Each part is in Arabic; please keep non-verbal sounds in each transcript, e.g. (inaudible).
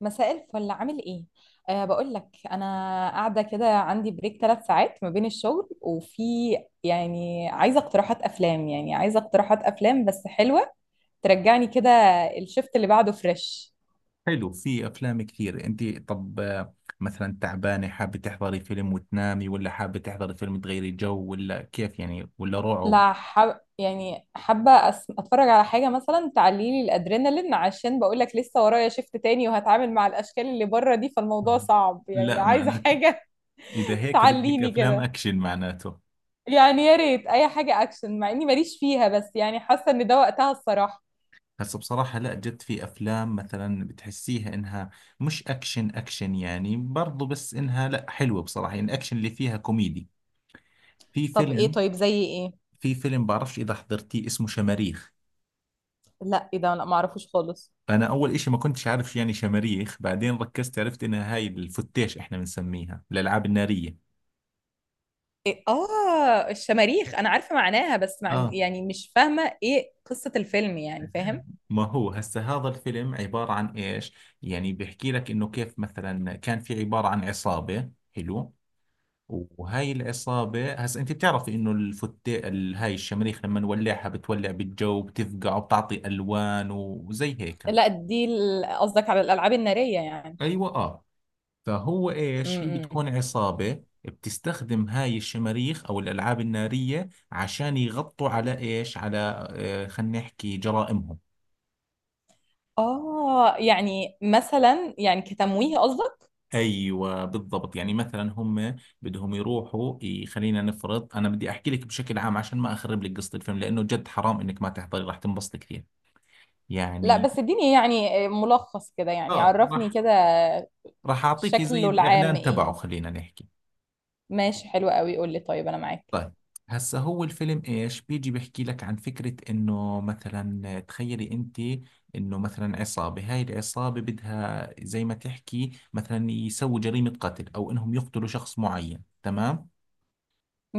مساء الفل، عامل ايه؟ أه، بقول لك انا قاعده كده، عندي بريك 3 ساعات ما بين الشغل، وفي، يعني عايزه اقتراحات افلام بس حلوه ترجعني كده، الشفت اللي بعده فريش. حلو، في افلام كثير. انت طب مثلا تعبانه، حابه تحضري فيلم وتنامي ولا حابه تحضري فيلم تغيري جو ولا كيف يعني، ولا رعب؟ لا، حب، يعني حابه اتفرج على حاجه مثلا تعلي لي الادرينالين، عشان بقول لك لسه ورايا شفت تاني وهتعامل مع الاشكال اللي بره دي، فالموضوع صعب، يعني لا عايزه معناته، حاجه. اذا (laughs) هيك بدك تعليني افلام كده، اكشن معناته. يعني يا ريت اي حاجه اكشن، مع اني ماليش فيها، بس يعني حاسه ان ده وقتها الصراحه. هسه بصراحة لا، جد في افلام مثلا بتحسيها انها مش اكشن يعني، برضو بس انها لا حلوة بصراحة، يعني الاكشن اللي فيها كوميدي. في طب ايه؟ فيلم طيب زي ايه؟ في فيلم بعرفش اذا حضرتيه، اسمه شماريخ. لا ايه ده، لا ما اعرفوش خالص. انا اول اشي ما كنتش عارف يعني شماريخ، بعدين ركزت عرفت انها هاي الفتيش احنا بنسميها الالعاب النارية. إيه؟ اه، الشماريخ انا عارفه معناها، بس اه، يعني مش فاهمه ايه قصه الفيلم، يعني فاهم. ما هو هسه هذا الفيلم عبارة عن ايش؟ يعني بيحكي لك انه كيف مثلا كان في عبارة عن عصابة، حلو؟ وهاي العصابة هسه انت بتعرفي انه هاي الشماريخ لما نولعها بتولع بالجو، بتفقع وبتعطي الوان وزي هيك. لا دي قصدك على الالعاب الناريه يعني. ايوه، اه. فهو ايش، هي امم، بتكون عصابة بتستخدم هاي الشماريخ او الالعاب النارية عشان يغطوا على ايش، على خلينا نحكي جرائمهم. اه يعني مثلا يعني كتمويه قصدك. ايوه بالضبط، يعني مثلا هم بدهم يروحوا خلينا نفرض، انا بدي احكي لك بشكل عام عشان ما اخرب لك قصة الفيلم، لانه جد حرام انك ما تحضري، راح تنبسطي كثير لا يعني. بس اديني يعني ملخص كده، يعني اه، عرفني راح كده. راح اعطيكي زي شكله العام الاعلان تبعه، ايه؟ خلينا نحكي. ماشي، حلو قوي، قول لي، طيب انا معاك. طيب، هسا هو الفيلم ايش بيجي بيحكي لك عن فكرة انه مثلا تخيلي انت انه مثلا عصابة، هاي العصابة بدها زي ما تحكي مثلا يسووا جريمة قتل او انهم يقتلوا شخص معين، تمام؟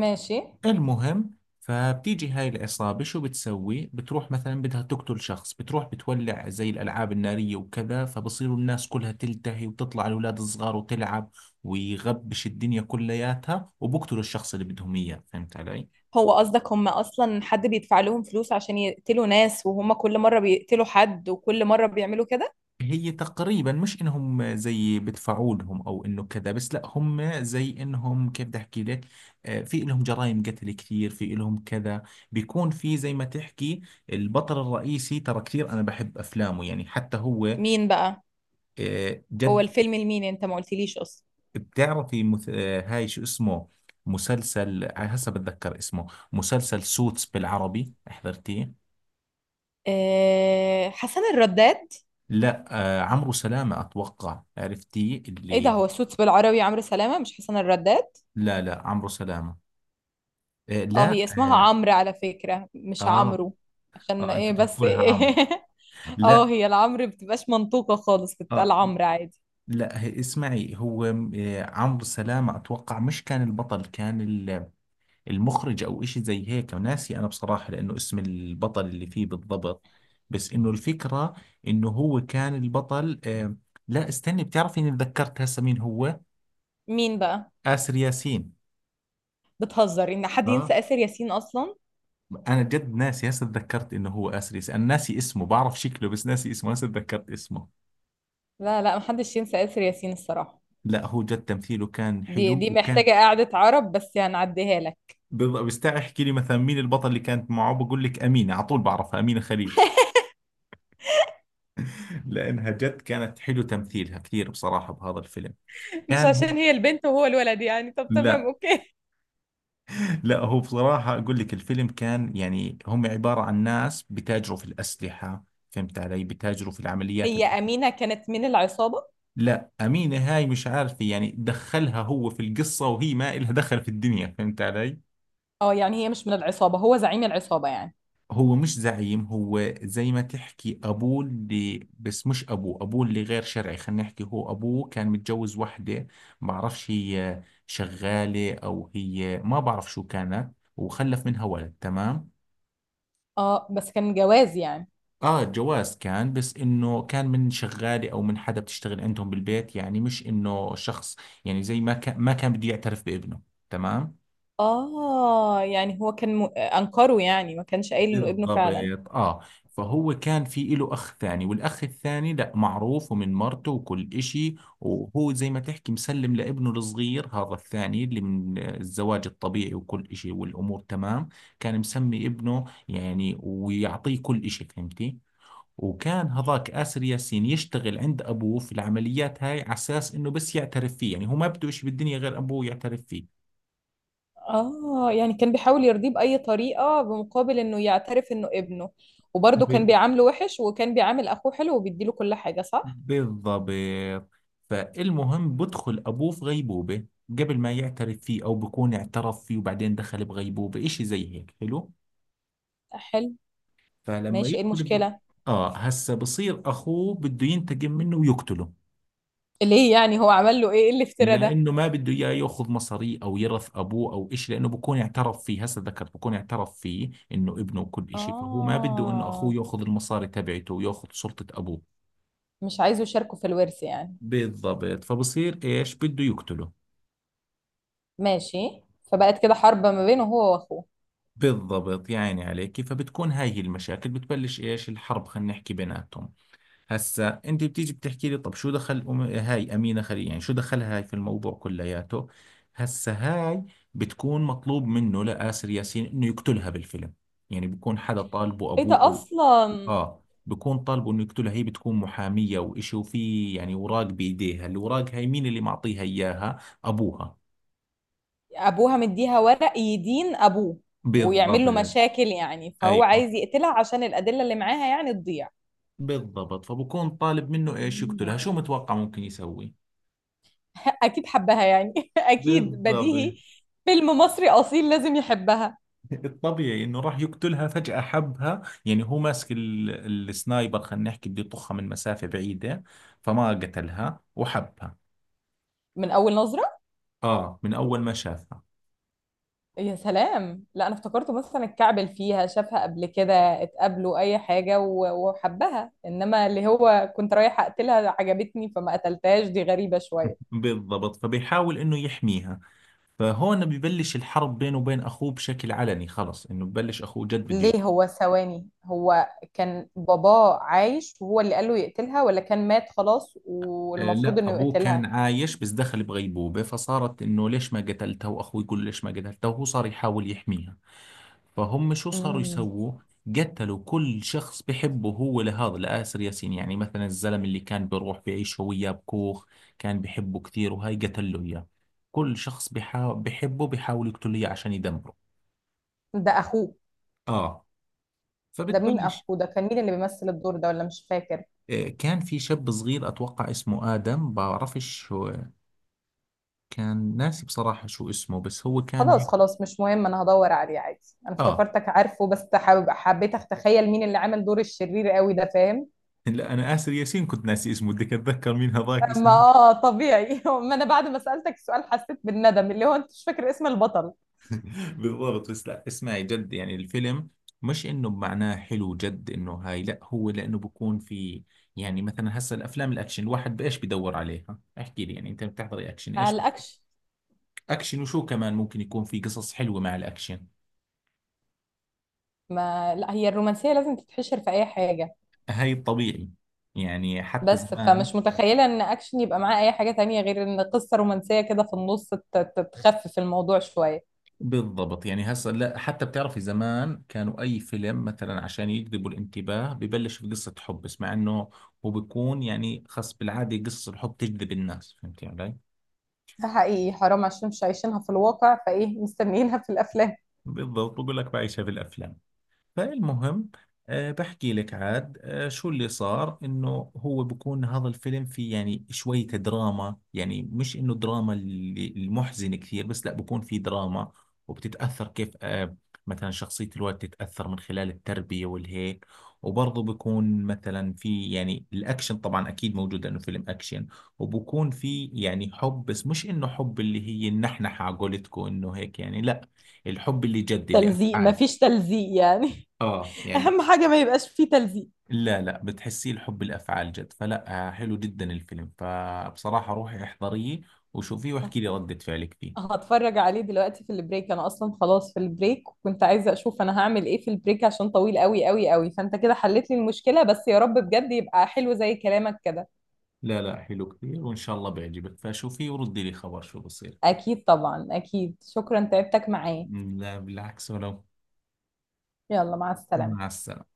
ماشي. المهم، فبتيجي هاي العصابة شو بتسوي، بتروح مثلا بدها تقتل شخص، بتروح بتولع زي الالعاب النارية وكذا، فبصيروا الناس كلها تلتهي وتطلع الاولاد الصغار وتلعب ويغبش الدنيا كلياتها، وبقتلوا الشخص اللي بدهم اياه. فهمت علي؟ هو قصدك هم اصلا حد بيدفع لهم فلوس عشان يقتلوا ناس، وهم كل مره بيقتلوا حد وكل مره بيعملوا كده؟ هي تقريبا مش انهم زي بدفعوا لهم او انه كذا، بس لا هم زي انهم كيف بدي احكي لك، في لهم جرائم قتل كثير، في لهم كذا. بيكون في زي ما تحكي البطل الرئيسي، ترى كثير انا بحب افلامه يعني حتى هو. مين بقى؟ هو جد. الفيلم لمين، انت ما قلتليش اصلا. بتعرفي مث... آه، هاي شو اسمه، مسلسل، هسه بتذكر اسمه، مسلسل سوتس بالعربي حضرتيه؟ أه، حسن الرداد. لا، عمرو سلامة اتوقع، عرفتيه ايه ده، اللي؟ هو السوتس بالعربي عمرو سلامه مش حسن الرداد؟ لا لا، عمرو سلامة. آه، اه، لا هي اسمها آه، عمرو على فكره، مش اه عمرو. عشان اه، ايه انتوا بس بتحكوا لها إيه؟ عمرو؟ (laughs) اه، لا. هي العمرو بتبقاش منطوقه خالص، بتتقال اه. عمرو عادي. لا هي اسمعي، هو عمرو سلامة اتوقع مش كان البطل، كان المخرج او اشي زي هيك، ناسي انا بصراحة لانه اسم البطل اللي فيه بالضبط، بس انه الفكرة انه هو كان البطل. لا، استني، بتعرفي اني تذكرت هسه مين هو، مين بقى؟ آسر ياسين. بتهزر ان حد اه، ينسى آسر ياسين اصلا؟ انا جد ناسي، هسه تذكرت انه هو آسر ياسين، انا ناسي اسمه، بعرف شكله بس ناسي اسمه، هسه تذكرت اسمه. لا لا، محدش ينسى آسر ياسين الصراحه. لا هو جد تمثيله كان دي حلو، دي وكان محتاجة قعدة عرب، بس هنعديها لك. بض- بستاع احكي لي مثلا مين البطل اللي كانت معه بقول لك امينه على طول، بعرفها امينه خليل، لانها جد كانت حلو تمثيلها كثير بصراحه بهذا الفيلم. مش كان هو، عشان هي البنت وهو الولد يعني؟ طب تمام، لا اوكي. لا، هو بصراحه اقول لك الفيلم كان يعني هم عباره عن ناس بتاجروا في الاسلحه. فهمت علي؟ بتاجروا في العمليات هي أمينة كانت من العصابة؟ لا، امينه هاي مش عارفه يعني دخلها، هو في القصه وهي ما إلها دخل في الدنيا، فهمت علي؟ اه يعني هي مش من العصابة، هو زعيم العصابة يعني. هو مش زعيم، هو زي ما تحكي أبوه اللي، بس مش أبوه، أبوه اللي غير شرعي، خلينا نحكي هو أبوه كان متجوز وحدة، بعرفش هي شغالة أو هي ما بعرف شو كانت، وخلف منها ولد، تمام؟ اه بس كان جواز يعني. آه جواز كان، بس إنه كان من شغالة أو من حدا بتشتغل عندهم بالبيت، يعني مش إنه شخص يعني زي ما كان، ما كان بده يعترف بابنه، تمام. اه يعني هو كان أنكره، يعني ما كانش قايل إنه ابنه بالضبط، فعلا. اه. فهو كان في له اخ ثاني، والاخ الثاني لا، معروف ومن مرته وكل اشي، وهو زي ما تحكي مسلم لابنه الصغير هذا الثاني اللي من الزواج الطبيعي وكل اشي، والامور تمام، كان مسمي ابنه يعني ويعطيه كل اشي، فهمتي؟ وكان هذاك آسر ياسين يشتغل عند أبوه في العمليات هاي على أساس إنه بس يعترف فيه، يعني هو ما بده إشي بالدنيا غير أبوه يعترف فيه. اه يعني كان بيحاول يرضيه بأي طريقة بمقابل إنه يعترف إنه ابنه، وبرضه كان بيعامله وحش وكان بيعامل أخوه حلو وبيديله كل حاجة، صح؟ بالضبط، فالمهم بدخل أبوه في غيبوبة قبل ما يعترف فيه، أو بكون اعترف فيه وبعدين دخل بغيبوبة إشي زي هيك، حلو؟ حلو. فلما ماشي، ايه يدخل ب... المشكلة؟ آه، هسا بصير أخوه بده ينتقم منه ويقتله، ليه يعني، هو عمل له ايه؟ ايه الافتراء ده؟ لأنه ما بده إياه يأخذ مصاري أو يرث أبوه أو إشي، لأنه بكون اعترف فيه، هسا ذكرت، بكون اعترف فيه إنه ابنه وكل إشي، فهو ما بده إنه أخوه آه، يأخذ المصاري تبعته ويأخذ سلطة أبوه. مش عايزه يشاركوا في الورث يعني. بالضبط، فبصير إيش، بده يقتله. ماشي، فبقت كده حرب ما بينه هو وأخوه. بالضبط يا عيني عليك، فبتكون هاي هي المشاكل، بتبلش ايش، الحرب خلينا نحكي بيناتهم. هسا انت بتيجي بتحكي لي طب شو دخل هاي امينه خليل، يعني شو دخلها هاي في الموضوع كلياته. هسا هاي بتكون مطلوب منه لآسر ياسين انه يقتلها بالفيلم، يعني بيكون حدا طالبه، إيه ابوه ده او أصلا؟ اه، بيكون طالبه انه يقتلها. هي بتكون محاميه وإشي، وفي يعني اوراق بايديها، الاوراق هاي مين اللي معطيها اياها، ابوها. أبوها مديها ورق يدين أبوه ويعمل له بالضبط. مشاكل، يعني فهو ايوه عايز يقتلها عشان الأدلة اللي معاها يعني تضيع. بالضبط، فبكون طالب منه ايش، مم. يقتلها. شو متوقع ممكن يسوي؟ (laughs) أكيد حبها يعني. (laughs) أكيد، بالضبط، بديهي. فيلم مصري أصيل، لازم يحبها. الطبيعي انه راح يقتلها، فجأة حبها. يعني هو ماسك السنايبر خلينا نحكي، بده يطخها من مسافة بعيدة، فما قتلها وحبها. من أول نظرة؟ اه، من اول ما شافها. يا سلام، لا انا افتكرته مثلا اتكعبل فيها، شافها قبل كده، اتقابلوا اي حاجه وحبها، انما اللي هو كنت رايحه اقتلها عجبتني فما قتلتهاش، دي غريبه (laughs) شويه. بالضبط، فبيحاول انه يحميها، فهون ببلش الحرب بينه وبين اخوه بشكل علني، خلص انه ببلش اخوه جد بده. ليه، هو ثواني، هو كان باباه عايش وهو اللي قال له يقتلها، ولا كان مات خلاص والمفروض لا انه ابوه كان يقتلها؟ عايش بس دخل بغيبوبة، فصارت انه ليش ما قتلته، واخوه يقول له ليش ما قتلته، وهو صار يحاول يحميها. فهم شو صاروا امم. يسووا، قتلوا كل شخص بحبه هو، لهذا لآسر ياسين، يعني مثلا الزلم اللي كان بيروح بيعيش هو وياه بكوخ، كان بحبه كثير، وهاي قتل له اياه. كل شخص بحبه بيحاول يقتله اياه عشان يدمره. ده اخوه؟ اه، ده مين فبتبلش. اخوه، ده كان مين اللي بيمثل الدور ده، ولا مش فاكر؟ كان في شاب صغير اتوقع اسمه آدم، بعرفش شو، كان ناسي بصراحة شو اسمه، بس هو كان هيك. خلاص خلاص مش مهم، انا هدور عليه عادي، انا اه، افتكرتك عارفه، بس حابب حبيت اتخيل مين اللي عامل دور الشرير قوي ده، فاهم؟ لا انا اسر ياسين كنت ناسي اسمه، بدك اتذكر مين هذاك ما اسمه. اه، طبيعي. (laughs) ما انا بعد ما سألتك السؤال حسيت بالندم، اللي هو انت مش فاكر اسم البطل. (laughs) بالضبط، بس لا اسمعي جد يعني الفيلم مش انه بمعناه حلو، جد انه هاي، لا هو لانه بكون في يعني، مثلا هسه الافلام الاكشن الواحد بايش بدور عليها، احكي لي يعني انت بتحضري اكشن ايش قلقكش. اكشن وشو كمان ممكن يكون في، قصص حلوة مع الاكشن. ما لا، هي الرومانسية لازم تتحشر في اي حاجة. هاي الطبيعي، يعني حتى بس زمان. فمش متخيلة ان اكشن يبقى معاه اي حاجة تانية، غير ان قصة رومانسية كده في النص تخفف الموضوع شوية. بالضبط، يعني هسه لا حتى بتعرفي زمان كانوا اي فيلم مثلا عشان يجذبوا الانتباه ببلش بقصة حب، بس مع انه هو بيكون يعني خاص بالعادة قصة الحب تجذب الناس، فهمتي علي؟ ده حقيقي، حرام، عشان مش عايشينها في الواقع، فايه مستنيينها في الافلام. بالضبط، بقول لك بعيشها بالافلام. فالمهم، بحكي لك عاد شو اللي صار، انه هو بكون هذا الفيلم فيه يعني شوية دراما، يعني مش انه دراما المحزنة كثير، بس لا بكون في دراما، وبتتأثر كيف، مثلا شخصية الولد تتأثر من خلال التربية والهيك. وبرضه بكون مثلا في يعني الأكشن طبعا أكيد موجود لأنه فيلم أكشن، وبكون في يعني حب، بس مش إنه حب اللي هي النحنحة على قولتكم إنه هيك يعني، لا، الحب اللي جد اللي تلزيق، أفعال. مفيش تلزيق يعني. اه يعني، اهم حاجه ما يبقاش فيه تلزيق. لا لا، بتحسيه الحب الافعال جد، فلا حلو جدا الفيلم، فبصراحه روحي احضريه وشوفيه واحكي لي رده فعلك فيه. هتفرج عليه دلوقتي في البريك، انا اصلا خلاص في البريك، وكنت عايزه اشوف انا هعمل ايه في البريك عشان طويل قوي قوي قوي، فانت كده حلت لي المشكله، بس يا رب بجد يبقى حلو زي كلامك كده. لا لا، حلو كثير وان شاء الله بيعجبك، فشوفيه وردي لي خبر شو بصير. اكيد طبعا اكيد، شكرا، تعبتك معايا. لا بالعكس، ولو. يلا، مع مع السلامه. السلامه.